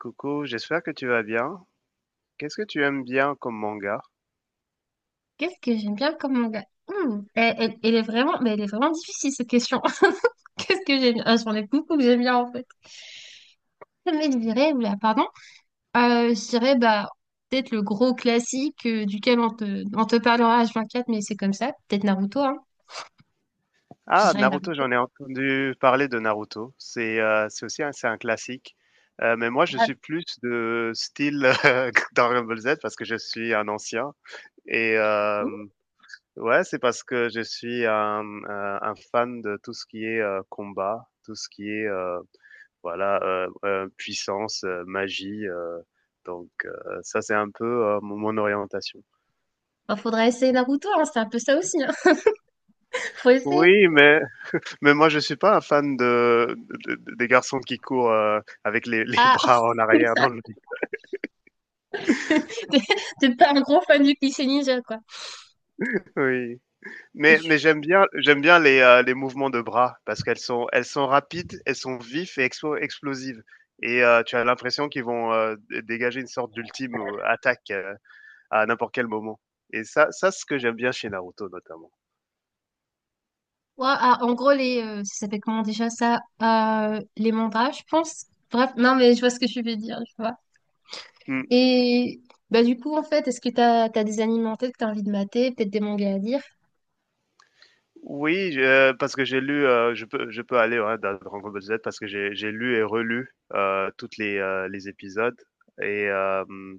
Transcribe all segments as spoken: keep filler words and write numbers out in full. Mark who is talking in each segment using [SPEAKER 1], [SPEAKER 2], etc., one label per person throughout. [SPEAKER 1] Coucou, j'espère que tu vas bien. Qu'est-ce que tu aimes bien comme manga?
[SPEAKER 2] Qu'est-ce que j'aime bien comme manga? Hmm, Elle, elle- elle est vraiment, mais elle est vraiment difficile cette question. Qu'est-ce que j'aime bien? Ah, j'en ai beaucoup que j'aime bien en fait. Mais je dirais, oula, pardon, Euh, je dirais bah peut-être le gros classique euh, duquel on te, on te parlera h vingt-quatre, mais c'est comme ça. Peut-être Naruto, hein. Je
[SPEAKER 1] Ah,
[SPEAKER 2] dirais
[SPEAKER 1] Naruto,
[SPEAKER 2] Naruto.
[SPEAKER 1] j'en ai entendu parler de Naruto. C'est euh, c'est aussi un, c'est un classique. Euh, mais moi, je
[SPEAKER 2] Grave.
[SPEAKER 1] suis plus de style euh, Dragon Ball Z parce que je suis un ancien. Et euh,
[SPEAKER 2] Ouh,
[SPEAKER 1] ouais, c'est parce que je suis un, un- un fan de tout ce qui est euh, combat, tout ce qui est euh, voilà euh, euh, puissance, euh, magie. Euh, donc euh, ça, c'est un peu euh, mon mon orientation.
[SPEAKER 2] bah, faudra essayer Naruto, hein, c'est un peu ça aussi, hein. Faut essayer.
[SPEAKER 1] Oui, mais Mais moi, je suis pas un fan de de de des garçons qui courent, heu, avec les les
[SPEAKER 2] Ah,
[SPEAKER 1] bras en arrière dans le
[SPEAKER 2] t'es t'es pas un gros fan du cliché ninja, quoi.
[SPEAKER 1] oui. Mais mais
[SPEAKER 2] Et
[SPEAKER 1] j'aime bien j'aime bien les, heu, les mouvements de bras parce qu'elles sont elles sont rapides, elles sont vives et expo explosives et heu, tu as l'impression qu'ils vont, heu, dé dégager une sorte d'ultime, heu, attaque, heu, à n'importe quel moment et ça ça, c'est ce que j'aime bien chez Naruto notamment.
[SPEAKER 2] ouais, ah, en gros, les, euh, ça s'appelle comment déjà ça? Euh, les mandats, je pense. Bref, non, mais je vois ce que tu veux dire, je vois.
[SPEAKER 1] Mmh.
[SPEAKER 2] Et bah, du coup, en fait, est-ce que t'as, t'as des animés en tête que t'as envie de mater, peut-être des mangas à lire?
[SPEAKER 1] Oui, je euh, parce que j'ai lu, heu, je peux je peux aller, ouais, dans Dragon Ball Z parce que j'ai j'ai lu et relu, heu, toutes les, heu, les épisodes et hem,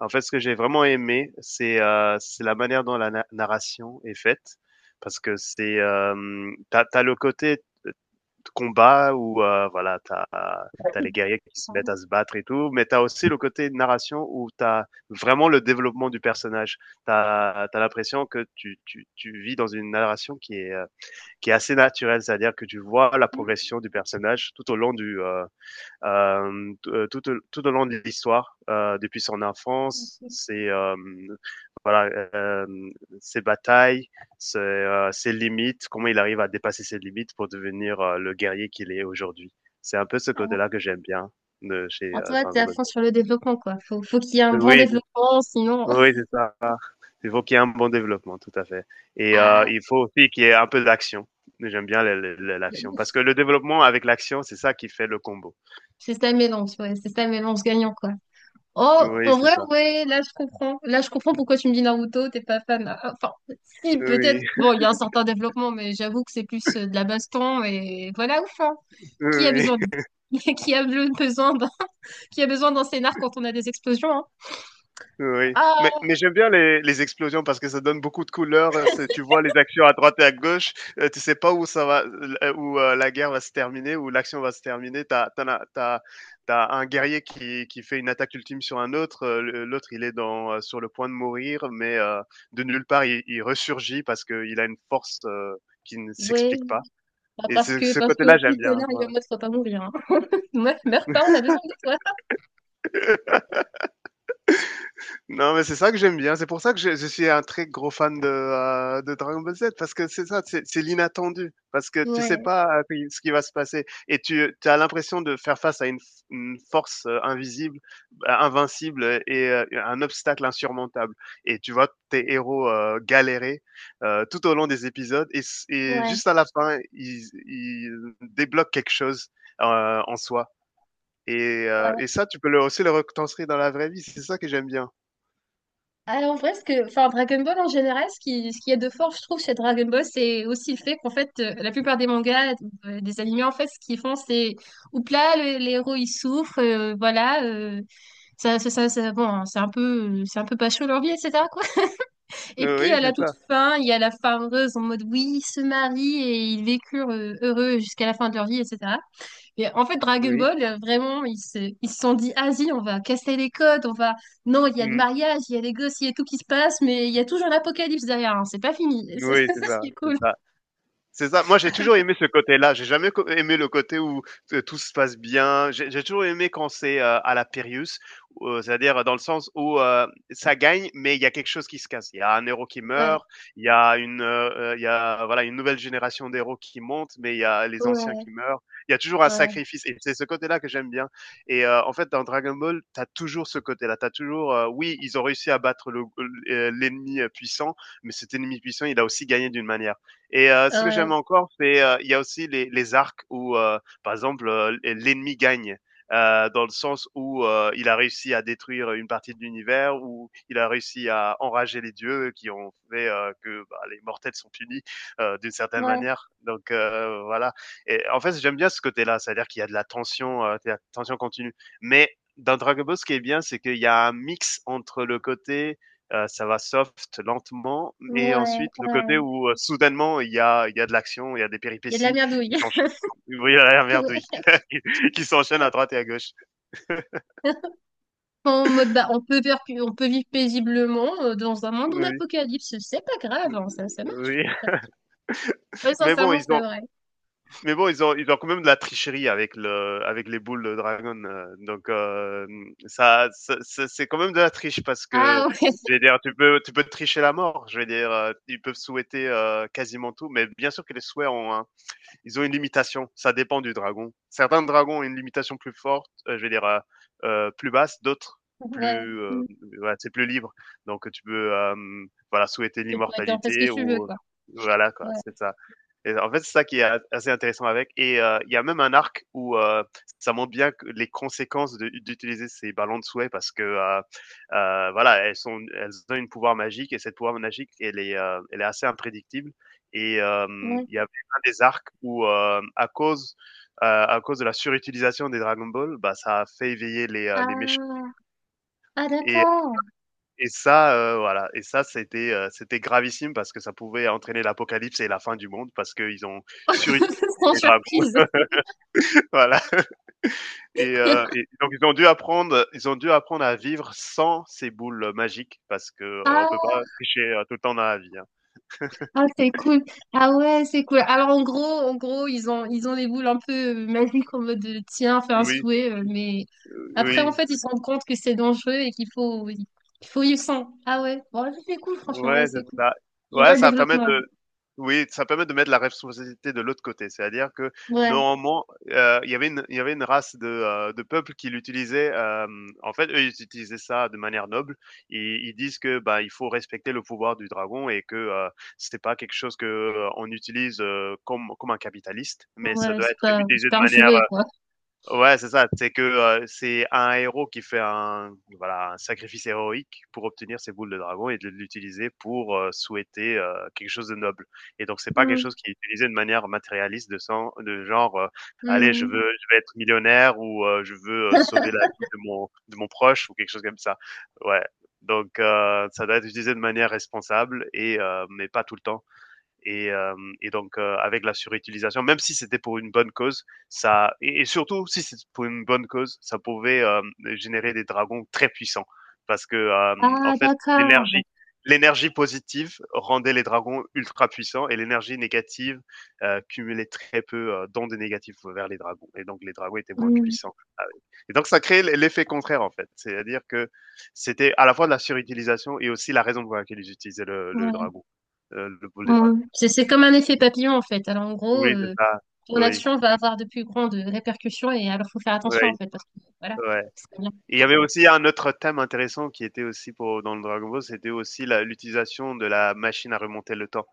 [SPEAKER 1] en fait, ce que j'ai vraiment aimé, c'est, heu, c'est la manière dont la na narration est faite parce que c'est, hem, tu as le côté, heu, combat où, heu, voilà, t'as as les guerriers qui se mettent à
[SPEAKER 2] Pardon.
[SPEAKER 1] se battre et tout, mais t'as aussi le côté narration où t'as vraiment le développement du personnage. T'as, t'as l'impression que tu tu tu vis dans une narration qui est, euh, qui est assez naturel, c'est-à-dire que tu vois la
[SPEAKER 2] Hmm,
[SPEAKER 1] progression du personnage tout au long du euh, euh, tout, euh, tout au long de l'histoire euh, depuis son enfance,
[SPEAKER 2] c'est
[SPEAKER 1] ses euh, voilà euh, ses batailles, ses, euh, ses, limites, comment il arrive à dépasser ses limites pour devenir euh, le guerrier qu'il est aujourd'hui. C'est un peu ce
[SPEAKER 2] ça.
[SPEAKER 1] côté-là que j'aime bien de chez
[SPEAKER 2] En
[SPEAKER 1] euh,
[SPEAKER 2] toi, t'es
[SPEAKER 1] Dragon
[SPEAKER 2] à
[SPEAKER 1] Ball.
[SPEAKER 2] fond sur le développement, quoi. Faut, faut qu'il y ait un bon
[SPEAKER 1] Oui,
[SPEAKER 2] développement, sinon.
[SPEAKER 1] oui, c'est ça. Il faut qu'il y ait un bon développement, tout à fait. Et euh,
[SPEAKER 2] Ah,
[SPEAKER 1] il faut aussi qu'il y ait un peu d'action. J'aime bien le- le- le- l'action parce que le développement avec l'action, c'est ça qui fait le combo.
[SPEAKER 2] c'est ça le mélange, ouais, c'est ça le mélange gagnant, quoi. Oh,
[SPEAKER 1] Oui,
[SPEAKER 2] en
[SPEAKER 1] c'est
[SPEAKER 2] vrai,
[SPEAKER 1] ça.
[SPEAKER 2] ouais, là je comprends. Là je comprends pourquoi tu me dis Naruto, t'es pas fan. Ah, enfin, si, peut-être.
[SPEAKER 1] Oui,
[SPEAKER 2] Bon, il y a un certain développement, mais j'avoue que c'est plus euh, de la baston et voilà, ouf, hein. Qui a
[SPEAKER 1] oui.
[SPEAKER 2] besoin de- Qui a le- besoin d'un... Qui a besoin d'un scénar quand on a des explosions, hein?
[SPEAKER 1] Oui, mais
[SPEAKER 2] Ah,
[SPEAKER 1] mais j'aime bien les les explosions parce que ça donne beaucoup de couleurs, heu, c'est tu vois les actions à droite et à gauche, heu, tu sais pas où ça va, l euh, où, heu, la guerre va se terminer, où l'action va se terminer. T'as as tu as tu as un guerrier qui qui fait une attaque ultime sur un autre, heu, le l'autre il est dans, heu, sur le point de mourir, mais, heu, de nulle part il il ressurgit parce qu'il a une force, heu, qui ne
[SPEAKER 2] ouais.
[SPEAKER 1] s'explique pas
[SPEAKER 2] Bah,
[SPEAKER 1] et
[SPEAKER 2] parce
[SPEAKER 1] ce
[SPEAKER 2] que,
[SPEAKER 1] ce
[SPEAKER 2] parce que
[SPEAKER 1] côté-là
[SPEAKER 2] si le
[SPEAKER 1] j'aime bien.
[SPEAKER 2] scénar, il
[SPEAKER 1] Ouais.
[SPEAKER 2] est en mode, faut pas mourir, hein. Ouais, meurs pas, on a besoin de toi.
[SPEAKER 1] Non, mais c'est ça que j'aime bien. C'est pour ça que je, je suis un très gros fan de, heu, de Dragon Ball Z parce que c'est ça, c'est c'est l'inattendu. Parce que tu sais
[SPEAKER 2] Ouais,
[SPEAKER 1] pas, heu, qui ce qui va se passer et tu as l'impression de faire face à une f une force, heu, invisible, bah, invincible, heu et heu, un obstacle insurmontable et tu vois tes héros, heu, galérer, heu, tout au long des épisodes et s et
[SPEAKER 2] ouais,
[SPEAKER 1] juste à la fin, ils ils débloquent quelque chose, heu, en soi et heu
[SPEAKER 2] ouais.
[SPEAKER 1] et ça, tu peux le aussi le retranscrire dans la vraie vie. C'est ça que j'aime bien.
[SPEAKER 2] Alors, en vrai, ce que, enfin, Dragon Ball en général, ce qui, ce qu'il y a de fort, je trouve, chez Dragon Ball, c'est aussi le fait qu'en fait, euh, la plupart des mangas, euh, des animés, en fait, ce qu'ils font, c'est, oups là, le- les héros, ils souffrent, euh, voilà, euh, ça, ça, ça, ça- bon, hein, c'est un peu, c'est un peu pas chaud leur vie, et cetera, quoi. Et puis,
[SPEAKER 1] Oui,
[SPEAKER 2] à
[SPEAKER 1] c'est
[SPEAKER 2] la toute
[SPEAKER 1] ça.
[SPEAKER 2] fin, il y a la fin heureuse en mode, oui, ils se marient et ils vécurent euh, heureux jusqu'à la fin de leur vie, et cetera. Mais en fait, Dragon
[SPEAKER 1] Oui.
[SPEAKER 2] Ball, euh, vraiment, ils se, ils se sont dit, ah si, on va casser les codes, on va... Non, il y a le
[SPEAKER 1] Mmh.
[SPEAKER 2] mariage, il y a les gosses, il y a tout qui se passe, mais il y a toujours l'apocalypse derrière, hein, c'est pas fini. Ça,
[SPEAKER 1] Oui, c'est ça,
[SPEAKER 2] c'est cool.
[SPEAKER 1] c'est ça. C'est ça. Moi, j'ai toujours aimé ce côté-là. J'ai jamais co aimé le côté où t tout se passe bien. J'ai j'ai toujours aimé quand c'est, heu, à la Périus, heu, c'est-à-dire dans le sens où, heu, ça gagne, mais il y a quelque chose qui se casse. Il y a un héros qui
[SPEAKER 2] Ouais,
[SPEAKER 1] meurt, il y a une, heu heu, il y a, voilà, une nouvelle génération d'héros qui monte, mais il y a les anciens
[SPEAKER 2] ouais,
[SPEAKER 1] qui meurent. Il y a toujours un
[SPEAKER 2] ouais,
[SPEAKER 1] sacrifice et c'est ce côté-là que j'aime bien et heu, en fait, dans Dragon Ball, t'as toujours ce côté-là. T'as toujours, heu, oui, ils ont réussi à battre le, heu, l'ennemi euh, puissant, mais cet ennemi puissant, il a aussi gagné d'une manière. Et heu, ce que
[SPEAKER 2] ouais,
[SPEAKER 1] j'aime encore, c'est, heu, il y a aussi les les arcs où, heu, par exemple, heu, l'ennemi gagne, heu, dans le sens où, heu, il a réussi à détruire une partie de l'univers, où il a réussi à enrager les dieux qui ont fait, heu, que, bah, les mortels sont punis, heu, d'une certaine
[SPEAKER 2] ouais,
[SPEAKER 1] manière. Donc heu, voilà et en fait, j'aime bien ce côté-là, c'est-à-dire qu'il y a de la tension, heu, de la tension continue. Mais dans Dragon Ball, ce qui est bien, c'est qu'il y a un mix entre le côté, euh, ça va soft, lentement, et
[SPEAKER 2] ouais,
[SPEAKER 1] ensuite le côté
[SPEAKER 2] ouais.
[SPEAKER 1] où euh, soudainement il y a, il y a de l'action, il y a des
[SPEAKER 2] Il y a de la
[SPEAKER 1] péripéties
[SPEAKER 2] merdouille.
[SPEAKER 1] qui s'enchaînent. Oui, la merde, oui.
[SPEAKER 2] Ouais.
[SPEAKER 1] qui s'enchaînent à droite et à gauche.
[SPEAKER 2] En mode, bah, on peut vivre, on peut vivre paisiblement euh, dans un monde en
[SPEAKER 1] Oui,
[SPEAKER 2] apocalypse, c'est pas grave, hein, ça, ça marche.
[SPEAKER 1] oui.
[SPEAKER 2] Ouais,
[SPEAKER 1] Mais bon,
[SPEAKER 2] sincèrement,
[SPEAKER 1] ils
[SPEAKER 2] c'est
[SPEAKER 1] ont,
[SPEAKER 2] vrai.
[SPEAKER 1] mais bon, ils ont, ils ont quand même de la tricherie avec le, avec les boules de dragon. euh, Donc euh, ça, ça- ça- c'est quand même de la triche parce
[SPEAKER 2] Ah
[SPEAKER 1] que
[SPEAKER 2] ouais,
[SPEAKER 1] je vais dire, tu peux, tu peux tricher la mort. Je vais dire, euh, ils peuvent souhaiter euh, quasiment tout, mais bien sûr que les souhaits ont ils ont une limitation. Ça dépend du dragon. Certains dragons ont une limitation plus forte, euh, je vais dire euh, euh, plus basse, d'autres
[SPEAKER 2] ouais.
[SPEAKER 1] plus, euh,
[SPEAKER 2] Mm.
[SPEAKER 1] voilà, c'est plus libre. Donc tu peux, euh, voilà, souhaiter
[SPEAKER 2] Tu peux être en faire ce que
[SPEAKER 1] l'immortalité
[SPEAKER 2] tu veux,
[SPEAKER 1] ou
[SPEAKER 2] quoi.
[SPEAKER 1] voilà quoi,
[SPEAKER 2] Ouais,
[SPEAKER 1] c'est ça. Et en fait, c'est ça qui est assez intéressant avec. Et euh, il y a même un arc où euh, ça montre bien que les conséquences de- d'utiliser ces ballons de souhait parce que euh, euh, voilà, elles sont, elles ont une pouvoir magique et cette pouvoir magique, elle est, euh, elle est assez imprédictible. Et euh,
[SPEAKER 2] ouais.
[SPEAKER 1] il y avait un des arcs où euh, à cause euh, à cause de la surutilisation des Dragon Ball, bah ça a fait éveiller les euh, les méchants.
[SPEAKER 2] Ah, ah
[SPEAKER 1] Et
[SPEAKER 2] d'accord.
[SPEAKER 1] et ça, euh, voilà. Et ça, c'était euh, c'était gravissime parce que ça pouvait entraîner l'apocalypse et la fin du monde parce qu'ils ont surutilisé
[SPEAKER 2] Sans
[SPEAKER 1] les Dragon.
[SPEAKER 2] surprise.
[SPEAKER 1] Voilà et heu et donc ils ont dû apprendre ils ont dû apprendre à vivre sans ces boules magiques parce que, heu, on
[SPEAKER 2] Ah,
[SPEAKER 1] peut pas tricher, heu, tout le temps dans la vie, hein.
[SPEAKER 2] ah, c'est cool. Ah ouais, c'est cool. Alors en gros, en gros, ils ont ils ont les boules un peu euh, magiques en mode de, tiens, fais un
[SPEAKER 1] Oui,
[SPEAKER 2] souhait, euh, mais
[SPEAKER 1] euh,
[SPEAKER 2] après en
[SPEAKER 1] oui,
[SPEAKER 2] fait ils se rendent compte que c'est dangereux et qu'il faut il faut y sans. Ah ouais, bon ça, c'est cool franchement, ouais
[SPEAKER 1] ouais, c'est
[SPEAKER 2] c'est cool.
[SPEAKER 1] ça.
[SPEAKER 2] Je
[SPEAKER 1] Ouais,
[SPEAKER 2] vois le
[SPEAKER 1] ça permet
[SPEAKER 2] développement.
[SPEAKER 1] de oui, ça permet de mettre la responsabilité de l'autre côté. C'est-à-dire que
[SPEAKER 2] Ouais,
[SPEAKER 1] normalement, heu, il y avait une il y avait une race de, heu, de peuples qui l'utilisaient, hem, en fait, eux, ils utilisaient ça de manière noble. Ils ils disent que, bah, il faut respecter le pouvoir du dragon et que, heu, c'était pas quelque chose que, heu, on utilise, heu, comme comme un capitaliste, mais ça
[SPEAKER 2] ouais,
[SPEAKER 1] doit
[SPEAKER 2] c'est
[SPEAKER 1] être
[SPEAKER 2] pas
[SPEAKER 1] utilisé
[SPEAKER 2] c'est
[SPEAKER 1] de
[SPEAKER 2] pas un
[SPEAKER 1] manière,
[SPEAKER 2] jouet quoi.
[SPEAKER 1] ouais, c'est ça. C'est que, heu, c'est un héros qui fait un voilà, un sacrifice héroïque pour obtenir ses boules de dragon et de l'utiliser pour, heu, souhaiter, heu, quelque chose de noble et donc c'est pas quelque
[SPEAKER 2] Hum,
[SPEAKER 1] chose qui est utilisé de manière matérialiste de sang de genre, heu: «Allez, je
[SPEAKER 2] hum.
[SPEAKER 1] veux je vais être millionnaire» ou, heu: «Je veux, heu, sauver la vie de mon de mon proche» ou quelque chose comme ça. Ouais, donc heu, ça doit être utilisé de manière responsable et heu, mais pas tout le temps. Et, euh, et donc, euh, avec la surutilisation, même si c'était pour une bonne cause, ça et, et surtout si c'était pour une bonne cause, ça pouvait euh, générer des dragons très puissants parce que euh, en
[SPEAKER 2] Ah
[SPEAKER 1] fait,
[SPEAKER 2] d'accord.
[SPEAKER 1] l'énergie l'énergie positive rendait les dragons ultra puissants et l'énergie négative euh, cumulait très peu euh, d'ondes négatives vers les dragons et donc les dragons étaient moins
[SPEAKER 2] Hum,
[SPEAKER 1] puissants. Ah oui. Et donc ça créait l'effet contraire en fait, c'est-à-dire que c'était à la fois de la surutilisation et aussi la raison pour laquelle ils utilisaient le, le
[SPEAKER 2] ouais.
[SPEAKER 1] dragon, euh, le boule des
[SPEAKER 2] Mm.
[SPEAKER 1] dragons.
[SPEAKER 2] C'est c'est comme un effet papillon en fait. Alors en gros,
[SPEAKER 1] Oui, c'est
[SPEAKER 2] euh,
[SPEAKER 1] ça.
[SPEAKER 2] ton
[SPEAKER 1] Oui,
[SPEAKER 2] action va avoir de plus grandes répercussions et alors faut faire attention en
[SPEAKER 1] oui,
[SPEAKER 2] fait parce que voilà.
[SPEAKER 1] ouais.
[SPEAKER 2] C'est pas bien.
[SPEAKER 1] Et il y avait aussi un autre thème intéressant qui était aussi pour dans le Dragon Ball, c'était aussi la l'utilisation de la machine à remonter le temps.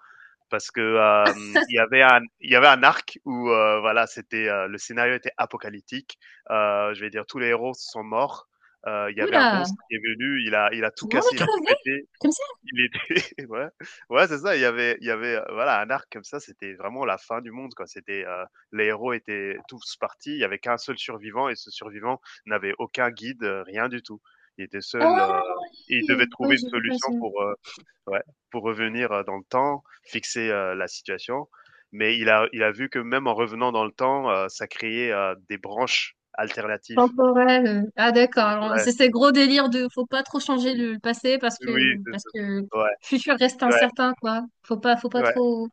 [SPEAKER 1] Parce que, hem, il y avait un il y avait un arc où, heu, voilà, c'était, heu, le scénario était apocalyptique. Heu, je vais dire tous les héros sont morts. Heu, il y avait un
[SPEAKER 2] Oula,
[SPEAKER 1] monstre qui est venu, il a il a tout
[SPEAKER 2] tout le monde a
[SPEAKER 1] cassé, il a tout
[SPEAKER 2] crevé
[SPEAKER 1] pété.
[SPEAKER 2] comme ça?
[SPEAKER 1] Il était ouais, ouais, c'est ça, il y avait il y avait, heu, voilà, un arc comme ça, c'était vraiment la fin du monde, quoi. C'était, heu, les héros étaient tous partis, il y avait qu'un seul survivant et ce survivant n'avait aucun guide, heu, rien du tout. Il était
[SPEAKER 2] Ah
[SPEAKER 1] seul, heu, et il
[SPEAKER 2] oui,
[SPEAKER 1] devait
[SPEAKER 2] oui,
[SPEAKER 1] trouver une
[SPEAKER 2] j'ai vu
[SPEAKER 1] solution
[SPEAKER 2] passer.
[SPEAKER 1] pour, heu, ouais, pour revenir, heu, dans le temps, fixer, heu, la situation. Mais il a il a vu que même en revenant dans le temps, heu, ça créait, heu, des branches alternatives.
[SPEAKER 2] Temporel. Euh. Ah d'accord. Alors,
[SPEAKER 1] Ouais,
[SPEAKER 2] c'est ce gros délire de faut pas trop changer le, le passé parce que
[SPEAKER 1] oui, c'est
[SPEAKER 2] parce
[SPEAKER 1] ça.
[SPEAKER 2] que le
[SPEAKER 1] Ouais,
[SPEAKER 2] futur reste
[SPEAKER 1] ouais,
[SPEAKER 2] incertain quoi. Faut pas faut pas
[SPEAKER 1] ouais.
[SPEAKER 2] trop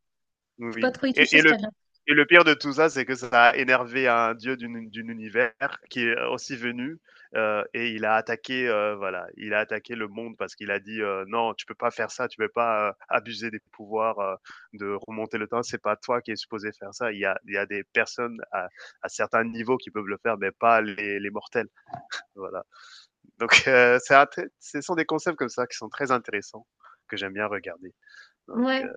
[SPEAKER 2] faut pas
[SPEAKER 1] Oui
[SPEAKER 2] trop y
[SPEAKER 1] et
[SPEAKER 2] toucher,
[SPEAKER 1] et
[SPEAKER 2] c'est
[SPEAKER 1] le
[SPEAKER 2] pas bien.
[SPEAKER 1] et le pire de tout ça, c'est que ça a énervé un dieu d'une d'une univers qui est aussi venu, heu et il a attaqué, heu, voilà, il a attaqué le monde parce qu'il a dit, heu: «Non, tu peux pas faire ça, tu peux pas, heu, abuser des pouvoirs, heu, de remonter le temps, c'est pas toi qui es supposé faire ça. Il y a il y a des personnes à à certains niveaux qui peuvent le faire, mais pas les les mortels». Voilà. Donc heu, c'est un très ce sont des concepts comme ça qui sont très intéressants, que j'aime bien regarder. Donc
[SPEAKER 2] Ouais.
[SPEAKER 1] heu,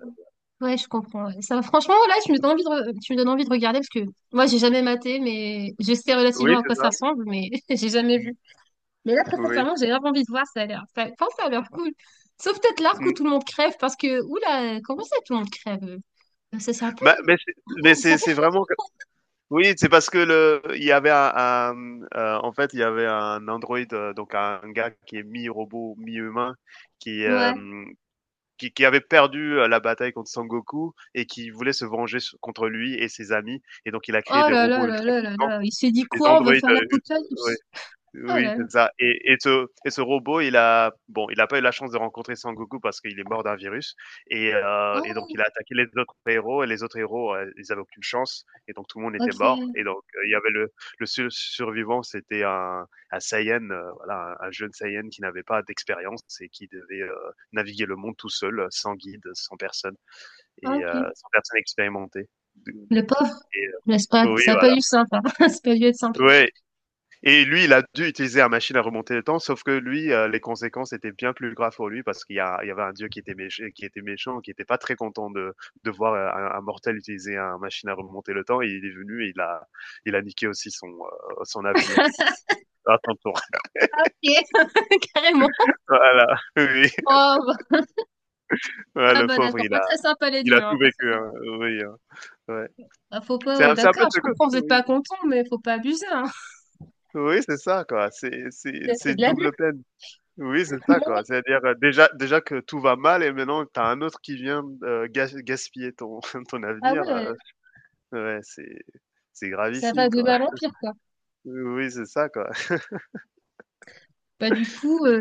[SPEAKER 2] Ouais, je comprends. Ouais. Ça, franchement, là, tu me donnes envie de, re- tu me donnes envie de regarder parce que moi, j'ai jamais maté, mais je sais
[SPEAKER 1] oui,
[SPEAKER 2] relativement à
[SPEAKER 1] c'est
[SPEAKER 2] quoi
[SPEAKER 1] ça.
[SPEAKER 2] ça ressemble, mais j'ai jamais
[SPEAKER 1] Mmh,
[SPEAKER 2] vu. Mais là, très
[SPEAKER 1] oui.
[SPEAKER 2] sincèrement, j'ai grave envie de voir, ça a l'air, ça, enfin, ça a l'air cool. Sauf peut-être l'arc où
[SPEAKER 1] Mmh.
[SPEAKER 2] tout le monde crève parce que, oula, comment ça, tout le monde crève? Euh, ça, c'est un peu,
[SPEAKER 1] Bah, mais c'est
[SPEAKER 2] ah
[SPEAKER 1] mais
[SPEAKER 2] ouais, c'est un
[SPEAKER 1] c'est
[SPEAKER 2] peu
[SPEAKER 1] c'est
[SPEAKER 2] chaud.
[SPEAKER 1] vraiment que oui, c'est parce que le il y avait un un, mmh, heu, en fait, il y avait un androïde, heu, donc un gars qui est mi-robot, mi-humain, qui,
[SPEAKER 2] Ouais.
[SPEAKER 1] hem, qui qui avait perdu, heu, la bataille contre Son Goku et qui voulait se venger s contre lui et ses amis et donc il a créé
[SPEAKER 2] Oh
[SPEAKER 1] des
[SPEAKER 2] là là
[SPEAKER 1] robots
[SPEAKER 2] là
[SPEAKER 1] ultra
[SPEAKER 2] là là
[SPEAKER 1] puissants,
[SPEAKER 2] là, il s'est dit
[SPEAKER 1] des
[SPEAKER 2] quoi? On va
[SPEAKER 1] androïdes,
[SPEAKER 2] faire
[SPEAKER 1] heu, ult ouais.
[SPEAKER 2] l'apocalypse. Oh
[SPEAKER 1] Oui,
[SPEAKER 2] là là.
[SPEAKER 1] c'est ça et et ce et ce robot, il a bon, il n'a pas eu la chance de rencontrer Sangoku parce qu'il est mort d'un virus et heu et donc
[SPEAKER 2] Oh,
[SPEAKER 1] il a attaqué les autres héros et les autres héros, heu, ils n'avaient aucune chance et donc tout le monde était mort
[SPEAKER 2] ok,
[SPEAKER 1] et donc heu, il y avait le le seul survivant, c'était un un Saiyan, heu, voilà, un un jeune Saiyan qui n'avait pas d'expérience et qui devait, heu, naviguer le monde tout seul, heu, sans guide, sans personne et heu,
[SPEAKER 2] ok.
[SPEAKER 1] sans personne expérimentée.
[SPEAKER 2] Le pauvre,
[SPEAKER 1] Et heu
[SPEAKER 2] n'est-ce pas?
[SPEAKER 1] oui,
[SPEAKER 2] Ça a pas
[SPEAKER 1] voilà.
[SPEAKER 2] dû être simple, hein. Ça a pas dû être simple.
[SPEAKER 1] Ouais et lui, il a dû utiliser la machine à remonter le temps, sauf que lui, euh, les conséquences étaient bien plus graves pour lui parce qu'il y, a- il y avait un dieu qui était, méch- qui était méchant, qui n'était pas très content de, de voir euh, un, un mortel utiliser une machine à remonter le temps. Et il est venu et il a, il a niqué aussi son, euh, son avenir à son tour.
[SPEAKER 2] Ok, carrément.
[SPEAKER 1] Voilà, oui.
[SPEAKER 2] Oh,
[SPEAKER 1] Ouais,
[SPEAKER 2] ah
[SPEAKER 1] le
[SPEAKER 2] bah
[SPEAKER 1] pauvre,
[SPEAKER 2] d'accord,
[SPEAKER 1] il
[SPEAKER 2] pas
[SPEAKER 1] a,
[SPEAKER 2] très sympa les
[SPEAKER 1] il a
[SPEAKER 2] dieux,
[SPEAKER 1] tout
[SPEAKER 2] hein, pas très
[SPEAKER 1] vécu, hein.
[SPEAKER 2] sympa.
[SPEAKER 1] Oui, hein. Ouais.
[SPEAKER 2] Bah, faut
[SPEAKER 1] C'est
[SPEAKER 2] pas, euh,
[SPEAKER 1] un, c'est un
[SPEAKER 2] d'accord,
[SPEAKER 1] peu
[SPEAKER 2] je
[SPEAKER 1] ce côté,
[SPEAKER 2] comprends, vous êtes pas
[SPEAKER 1] oui,
[SPEAKER 2] content, mais faut pas abuser, hein.
[SPEAKER 1] oui c'est ça, quoi. C'est c'est-
[SPEAKER 2] C'est
[SPEAKER 1] c'est
[SPEAKER 2] c'est de
[SPEAKER 1] une
[SPEAKER 2] l'abus.
[SPEAKER 1] double peine. Oui, c'est ça,
[SPEAKER 2] Non, oui.
[SPEAKER 1] quoi. C'est-à-dire, heu, déjà déjà que tout va mal et maintenant tu as un autre qui vient, heu, gas gaspiller ton ton
[SPEAKER 2] Ah
[SPEAKER 1] avenir,
[SPEAKER 2] ouais,
[SPEAKER 1] heu,
[SPEAKER 2] euh,
[SPEAKER 1] ouais, c'est c'est
[SPEAKER 2] ça
[SPEAKER 1] gravissime,
[SPEAKER 2] va de
[SPEAKER 1] quoi.
[SPEAKER 2] mal en pire, quoi.
[SPEAKER 1] Oui, c'est ça, quoi.
[SPEAKER 2] Bah du coup, euh,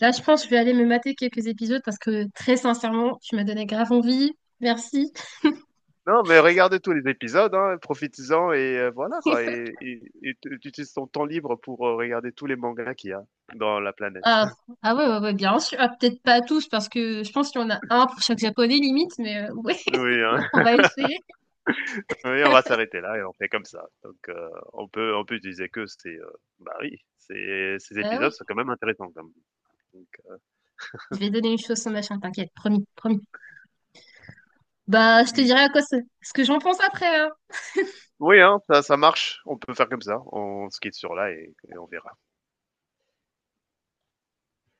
[SPEAKER 2] là je pense que je vais aller me mater quelques épisodes parce que très sincèrement, tu m'as donné grave envie. Merci.
[SPEAKER 1] Non, mais regardez tous les épisodes, hein, profitez-en et heu, voilà, quoi et et et tu tu utilises ton temps libre pour, heu, regarder tous les mangas qu'il y a dans la planète.
[SPEAKER 2] Ah, ah ouais, ouais, ouais, bien sûr. Ah, peut-être pas tous parce que je pense qu'il y en a un pour chaque japonais limite, mais euh, ouais,
[SPEAKER 1] Oui, hein,
[SPEAKER 2] on va essayer.
[SPEAKER 1] oui, on va s'arrêter là et on fait comme ça. Donc heu, on peut on peut utiliser que ces, heu, bah, oui, ces ces
[SPEAKER 2] Ah
[SPEAKER 1] épisodes
[SPEAKER 2] oui,
[SPEAKER 1] sont quand même intéressants, quand même. Donc heu,
[SPEAKER 2] je vais donner une chose sans machin, t'inquiète, promis, promis. Bah je te
[SPEAKER 1] mmh.
[SPEAKER 2] dirai à quoi c'est- ce que j'en pense après, hein.
[SPEAKER 1] Oui, hein, ça, ça marche. On peut faire comme ça. On se sur là et, et on verra.